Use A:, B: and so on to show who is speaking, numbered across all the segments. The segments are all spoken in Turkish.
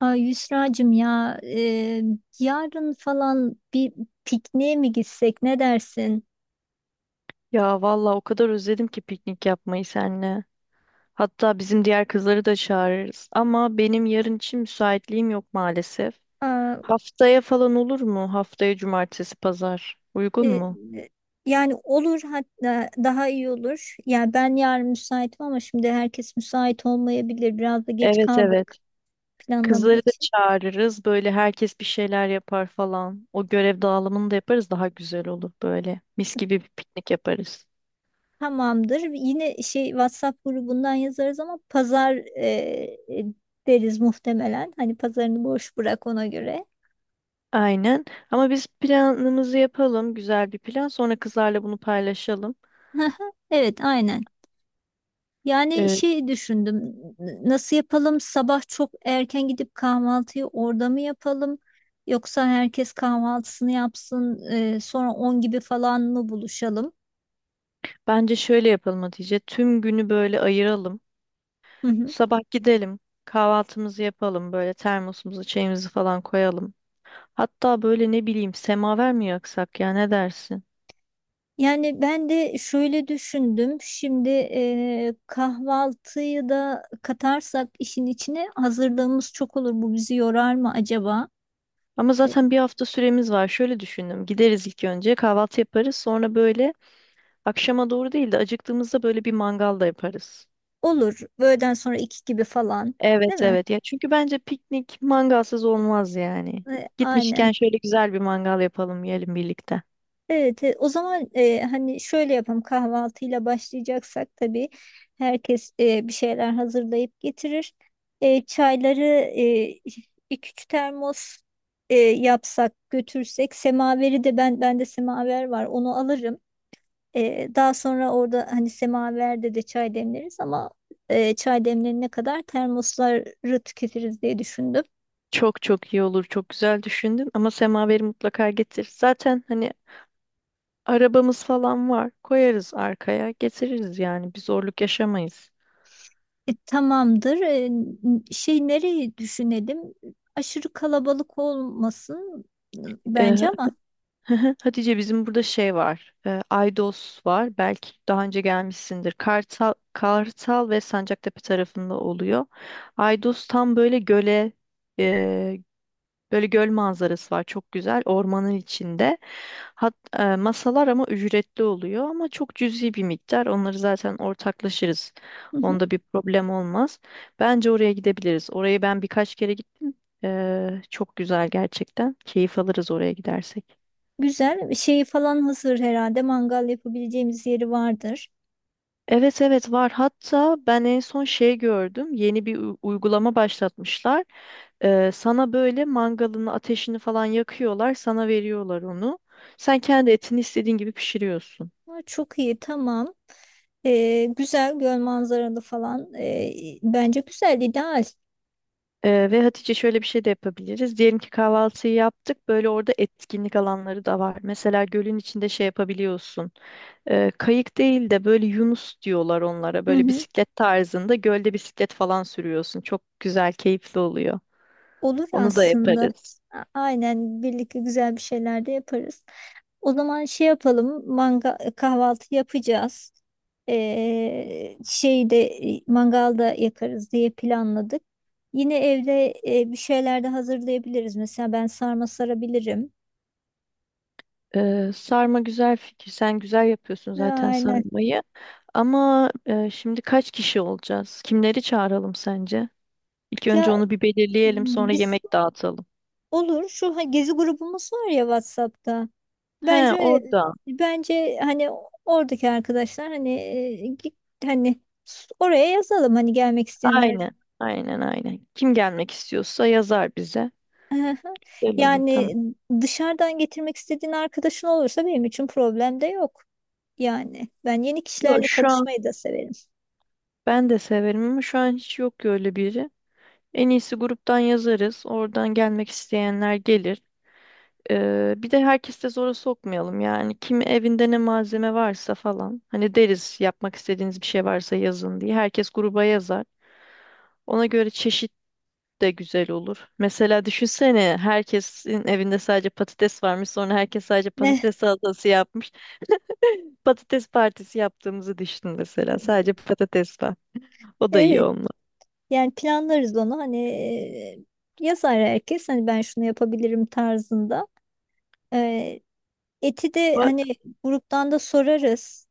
A: Ay Yusra'cığım ya yarın falan bir pikniğe mi gitsek ne dersin?
B: Ya vallahi o kadar özledim ki piknik yapmayı seninle. Hatta bizim diğer kızları da çağırırız. Ama benim yarın için müsaitliğim yok maalesef.
A: Aa,
B: Haftaya falan olur mu? Haftaya cumartesi, pazar. Uygun
A: e,
B: mu?
A: yani olur, hatta daha iyi olur. Yani ben yarın müsaitim ama şimdi herkes müsait olmayabilir. Biraz da geç
B: Evet,
A: kaldık
B: evet.
A: planlama
B: Kızları da
A: için.
B: çağırırız. Böyle herkes bir şeyler yapar falan. O görev dağılımını da yaparız. Daha güzel olur böyle. Mis gibi bir piknik yaparız.
A: Tamamdır. Yine şey WhatsApp grubundan yazarız ama pazar e, deriz muhtemelen. Hani pazarını boş bırak ona göre.
B: Aynen. Ama biz planımızı yapalım. Güzel bir plan. Sonra kızlarla bunu paylaşalım.
A: Evet, aynen. Yani
B: Ee,
A: şey düşündüm. Nasıl yapalım? Sabah çok erken gidip kahvaltıyı orada mı yapalım? Yoksa herkes kahvaltısını yapsın, sonra 10 gibi falan mı buluşalım?
B: Bence şöyle yapalım Hatice. Tüm günü böyle ayıralım.
A: Hı hı.
B: Sabah gidelim, kahvaltımızı yapalım, böyle termosumuzu, çayımızı falan koyalım. Hatta böyle ne bileyim semaver mi yaksak ya ne dersin?
A: Yani ben de şöyle düşündüm. Şimdi kahvaltıyı da katarsak işin içine hazırlığımız çok olur. Bu bizi yorar mı acaba?
B: Ama
A: E,
B: zaten bir hafta süremiz var. Şöyle düşündüm. Gideriz ilk önce kahvaltı yaparız. Sonra böyle akşama doğru değil de acıktığımızda böyle bir mangal da yaparız.
A: olur. Öğleden sonra 2 gibi falan, değil
B: Evet,
A: mi?
B: evet, ya çünkü bence piknik mangalsız olmaz yani. Gitmişken
A: Aynen.
B: şöyle güzel bir mangal yapalım yiyelim birlikte.
A: Evet, o zaman hani şöyle yapalım, kahvaltıyla başlayacaksak tabii herkes bir şeyler hazırlayıp getirir. Çayları iki üç termos yapsak götürsek. Semaveri de bende semaver var, onu alırım. Daha sonra orada hani semaverde de çay demleriz ama çay demlerine kadar termosları tüketiriz diye düşündüm.
B: Çok çok iyi olur, çok güzel düşündün ama semaveri mutlaka getir. Zaten hani arabamız falan var. Koyarız arkaya, getiririz yani. Bir zorluk yaşamayız.
A: Tamamdır. Şey, nereyi düşünelim? Aşırı kalabalık olmasın e, bence
B: Ee,
A: ama.
B: Hatice bizim burada şey var. Aydos var. Belki daha önce gelmişsindir. Kartal, Kartal ve Sancaktepe tarafında oluyor. Aydos tam böyle göle, e, böyle göl manzarası var, çok güzel ormanın içinde. Masalar ama ücretli oluyor, ama çok cüzi bir miktar. Onları zaten ortaklaşırız.
A: Hı hı.
B: Onda bir problem olmaz. Bence oraya gidebiliriz. Orayı ben birkaç kere gittim. Çok güzel gerçekten. Keyif alırız oraya gidersek.
A: Güzel. Şeyi falan hazır herhalde. Mangal yapabileceğimiz yeri vardır.
B: Evet, evet var. Hatta ben en son şey gördüm. Yeni bir uygulama başlatmışlar. Sana böyle mangalını, ateşini falan yakıyorlar, sana veriyorlar onu. Sen kendi etini istediğin gibi pişiriyorsun.
A: Ha, çok iyi, tamam. Güzel göl manzaralı falan. Bence güzel, ideal.
B: Ve Hatice şöyle bir şey de yapabiliriz. Diyelim ki kahvaltıyı yaptık. Böyle orada etkinlik alanları da var. Mesela gölün içinde şey yapabiliyorsun. Kayık değil de böyle Yunus diyorlar onlara.
A: Hı
B: Böyle
A: hı.
B: bisiklet tarzında gölde bisiklet falan sürüyorsun. Çok güzel, keyifli oluyor.
A: Olur
B: Onu da
A: aslında.
B: yaparız.
A: Aynen, birlikte güzel bir şeyler de yaparız. O zaman şey yapalım, kahvaltı yapacağız. Şeyi de mangalda yakarız diye planladık. Yine evde bir şeyler de hazırlayabiliriz. Mesela ben sarma sarabilirim.
B: Sarma güzel fikir. Sen güzel yapıyorsun zaten
A: Aynen.
B: sarmayı. Ama şimdi kaç kişi olacağız? Kimleri çağıralım sence? İlk önce
A: Ya
B: onu bir belirleyelim, sonra
A: biz
B: yemek dağıtalım.
A: olur, şu gezi grubumuz var ya, WhatsApp'ta.
B: He,
A: Bence
B: orada.
A: bence hani oradaki arkadaşlar, hani hani oraya yazalım, hani gelmek isteyenler.
B: Aynen. Aynen, aynen. Kim gelmek istiyorsa yazar bize.
A: Aha.
B: Güzel olur,
A: Yani
B: tamam.
A: dışarıdan getirmek istediğin arkadaşın olursa benim için problem de yok. Yani ben yeni
B: Yok,
A: kişilerle
B: şu an
A: tanışmayı da severim.
B: ben de severim ama şu an hiç yok ki öyle biri. En iyisi gruptan yazarız. Oradan gelmek isteyenler gelir. Bir de herkes de zora sokmayalım yani. Kim evinde ne malzeme varsa falan. Hani deriz yapmak istediğiniz bir şey varsa yazın diye. Herkes gruba yazar. Ona göre çeşit de güzel olur. Mesela düşünsene herkesin evinde sadece patates varmış. Sonra herkes sadece
A: Ne?
B: patates salatası yapmış. Patates partisi yaptığımızı düşün mesela. Sadece patates var. O da iyi
A: Evet.
B: olmaz.
A: Yani planlarız onu, hani yazar herkes, hani ben şunu yapabilirim tarzında. E, Eti de hani gruptan da sorarız.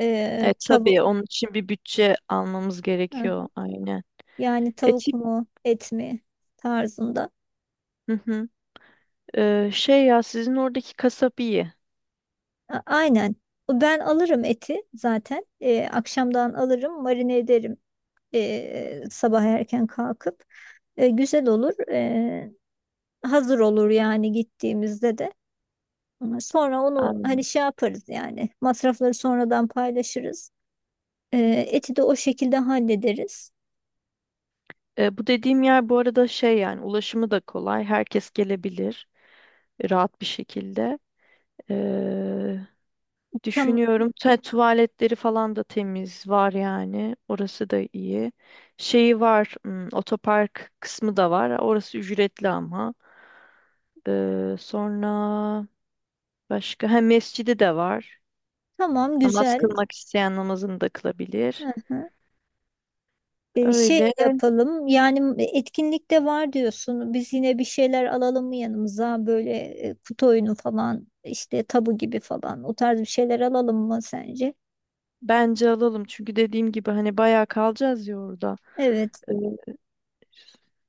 A: E,
B: E,
A: tabu
B: tabii onun için bir bütçe almamız
A: Heh,
B: gerekiyor, aynen.
A: Yani
B: E
A: tavuk
B: tip
A: mu et mi tarzında.
B: hı hı. E, şey ya, sizin oradaki kasap iyi.
A: Aynen. Ben alırım eti zaten. Akşamdan alırım, marine ederim sabah erken kalkıp. Güzel olur. Hazır olur yani, gittiğimizde de. Ama sonra onu
B: Aynen.
A: hani şey yaparız, yani masrafları sonradan paylaşırız. Eti de o şekilde hallederiz.
B: E, bu dediğim yer bu arada şey, yani ulaşımı da kolay. Herkes gelebilir rahat bir şekilde. E,
A: Tam,
B: düşünüyorum tuvaletleri falan da temiz var yani. Orası da iyi. Şeyi var, hmm, otopark kısmı da var. Orası ücretli ama. E, sonra başka ha mescidi de var.
A: tamam,
B: Namaz
A: güzel.
B: kılmak isteyen namazını da kılabilir.
A: Hı hı. Şey
B: Öyle
A: yapalım, yani etkinlikte var diyorsun. Biz yine bir şeyler alalım mı yanımıza, böyle kutu oyunu falan, işte tabu gibi falan, o tarz bir şeyler alalım mı sence?
B: bence alalım. Çünkü dediğim gibi hani bayağı kalacağız ya orada.
A: Evet,
B: Ee,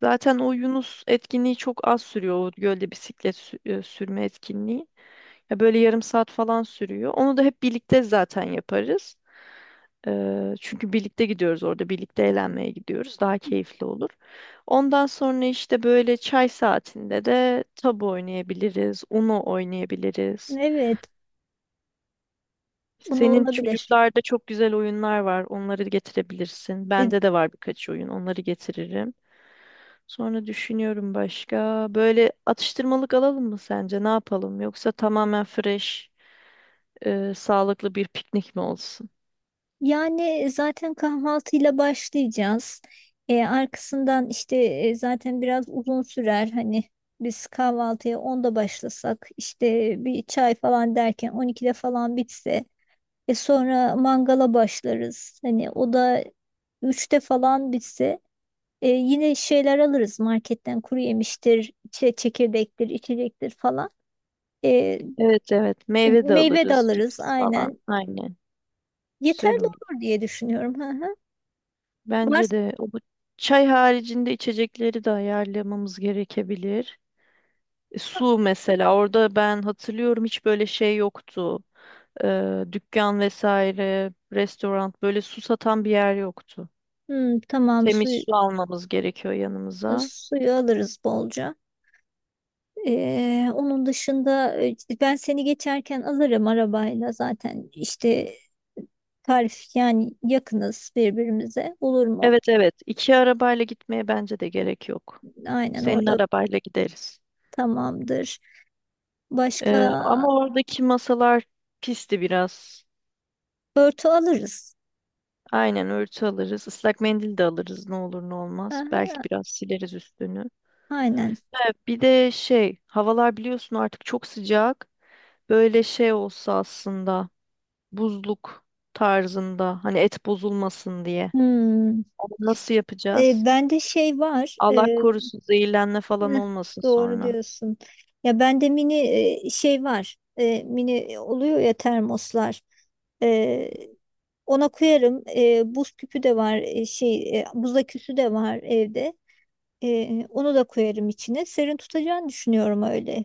B: Zaten o Yunus etkinliği çok az sürüyor. O gölde bisiklet sürme etkinliği. Ya böyle yarım saat falan sürüyor. Onu da hep birlikte zaten yaparız. Çünkü birlikte gidiyoruz orada. Birlikte eğlenmeye gidiyoruz. Daha keyifli olur. Ondan sonra işte böyle çay saatinde de tabu oynayabiliriz. Uno oynayabiliriz.
A: evet, bunu
B: Senin
A: olabilir.
B: çocuklarda çok güzel oyunlar var. Onları getirebilirsin.
A: E,
B: Bende de var birkaç oyun. Onları getiririm. Sonra düşünüyorum başka. Böyle atıştırmalık alalım mı sence? Ne yapalım? Yoksa tamamen fresh, sağlıklı bir piknik mi olsun?
A: Yani zaten kahvaltıyla başlayacağız. Arkasından işte zaten biraz uzun sürer. Hani biz kahvaltıya 10'da başlasak, işte bir çay falan derken 12'de falan bitse. Sonra mangala başlarız. Hani o da 3'te falan bitse, yine şeyler alırız marketten, kuru yemiştir, çekirdektir, içecektir falan. E,
B: Evet, evet. Meyve de
A: Meyve de
B: alırız.
A: alırız,
B: Cips falan.
A: aynen.
B: Aynen. Güzel
A: Yeterli
B: olur.
A: olur diye düşünüyorum. Hı hı. Var.
B: Bence de o bu çay haricinde içecekleri de ayarlamamız gerekebilir. E, su mesela. Orada ben hatırlıyorum hiç böyle şey yoktu. E, dükkan vesaire, restoran, böyle su satan bir yer yoktu.
A: Hmm, tamam,
B: Temiz
A: suyu,
B: su almamız gerekiyor yanımıza.
A: suyu alırız bolca. Onun dışında ben seni geçerken alırım arabayla, zaten işte tarif, yani yakınız birbirimize, olur mu?
B: Evet, evet, iki arabayla gitmeye bence de gerek yok.
A: Aynen,
B: Senin
A: orada
B: arabayla gideriz.
A: tamamdır.
B: E,
A: Başka
B: ama oradaki masalar pisti biraz.
A: örtü alırız.
B: Aynen, örtü alırız. Islak mendil de alırız, ne olur ne
A: Hı
B: olmaz.
A: hı,
B: Belki biraz sileriz üstünü.
A: aynen.
B: Evet, bir de şey, havalar biliyorsun artık çok sıcak. Böyle şey olsa aslında buzluk tarzında, hani et bozulmasın diye.
A: Hmm.
B: Ama nasıl yapacağız?
A: Bende şey var.
B: Allah korusun zehirlenme
A: Eh,
B: falan olmasın
A: doğru
B: sonra.
A: diyorsun. Ya bende mini şey var. Mini oluyor ya termoslar. E, Ona koyarım. Buz küpü de var. Buz aküsü de var evde. Onu da koyarım içine. Serin tutacağını düşünüyorum öyle.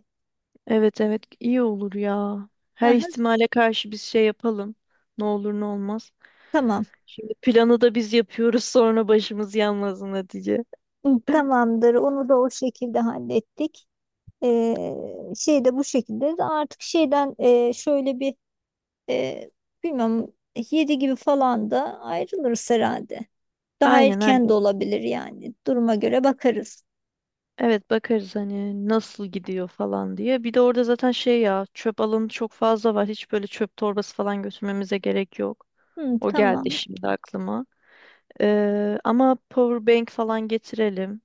B: Evet, evet iyi olur ya. Her
A: Aha,
B: ihtimale karşı biz şey yapalım. Ne olur ne olmaz.
A: tamam.
B: Şimdi planı da biz yapıyoruz sonra başımız yanmasın Hatice.
A: Hı, tamamdır. Onu da o şekilde hallettik. E, Şey de bu şekilde. Artık şeyden E, bilmiyorum, 7 gibi falan da ayrılırız herhalde. Daha
B: Aynen,
A: erken
B: aynen.
A: de olabilir yani. Duruma göre bakarız.
B: Evet, bakarız hani nasıl gidiyor falan diye. Bir de orada zaten şey ya, çöp alanı çok fazla var. Hiç böyle çöp torbası falan götürmemize gerek yok.
A: Hı,
B: O geldi
A: tamam.
B: şimdi aklıma. Ama power bank falan getirelim.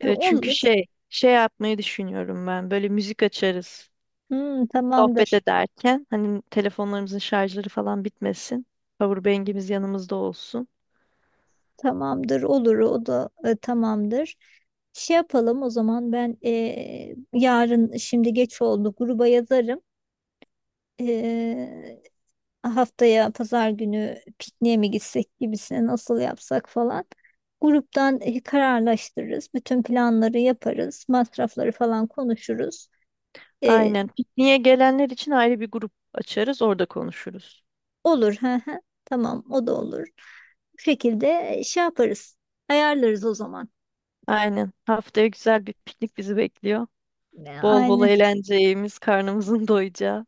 B: Çünkü
A: Olur.
B: şey yapmayı düşünüyorum ben. Böyle müzik açarız.
A: Hı,
B: Sohbet
A: tamamdır.
B: ederken hani telefonlarımızın şarjları falan bitmesin. Powerbank'imiz yanımızda olsun.
A: Tamamdır. Olur. O da tamamdır. Şey yapalım o zaman, ben yarın, şimdi geç oldu, gruba yazarım. E, Haftaya pazar günü pikniğe mi gitsek gibisine, nasıl yapsak falan. Gruptan kararlaştırırız. Bütün planları yaparız. Masrafları falan konuşuruz. E,
B: Aynen. Pikniğe gelenler için ayrı bir grup açarız, orada konuşuruz.
A: olur. Hı hı. Tamam, o da olur. Bu şekilde şey yaparız. Ayarlarız o zaman.
B: Aynen. Haftaya güzel bir piknik bizi bekliyor. Bol bol
A: Aynen.
B: eğleneceğimiz, karnımızın doyacağı.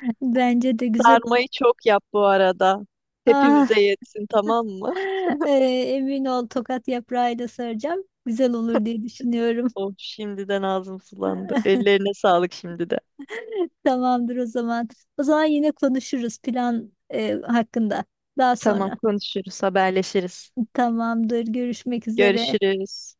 A: Bence de güzel olur.
B: Sarmayı çok yap bu arada.
A: Ah,
B: Hepimize yetsin, tamam mı?
A: e, emin ol, tokat yaprağıyla saracağım. Güzel olur diye düşünüyorum.
B: Oh, şimdiden ağzım sulandı. Ellerine sağlık şimdi de.
A: Tamamdır o zaman. O zaman yine konuşuruz plan hakkında daha
B: Tamam,
A: sonra.
B: konuşuruz, haberleşiriz.
A: Tamamdır. Görüşmek üzere.
B: Görüşürüz.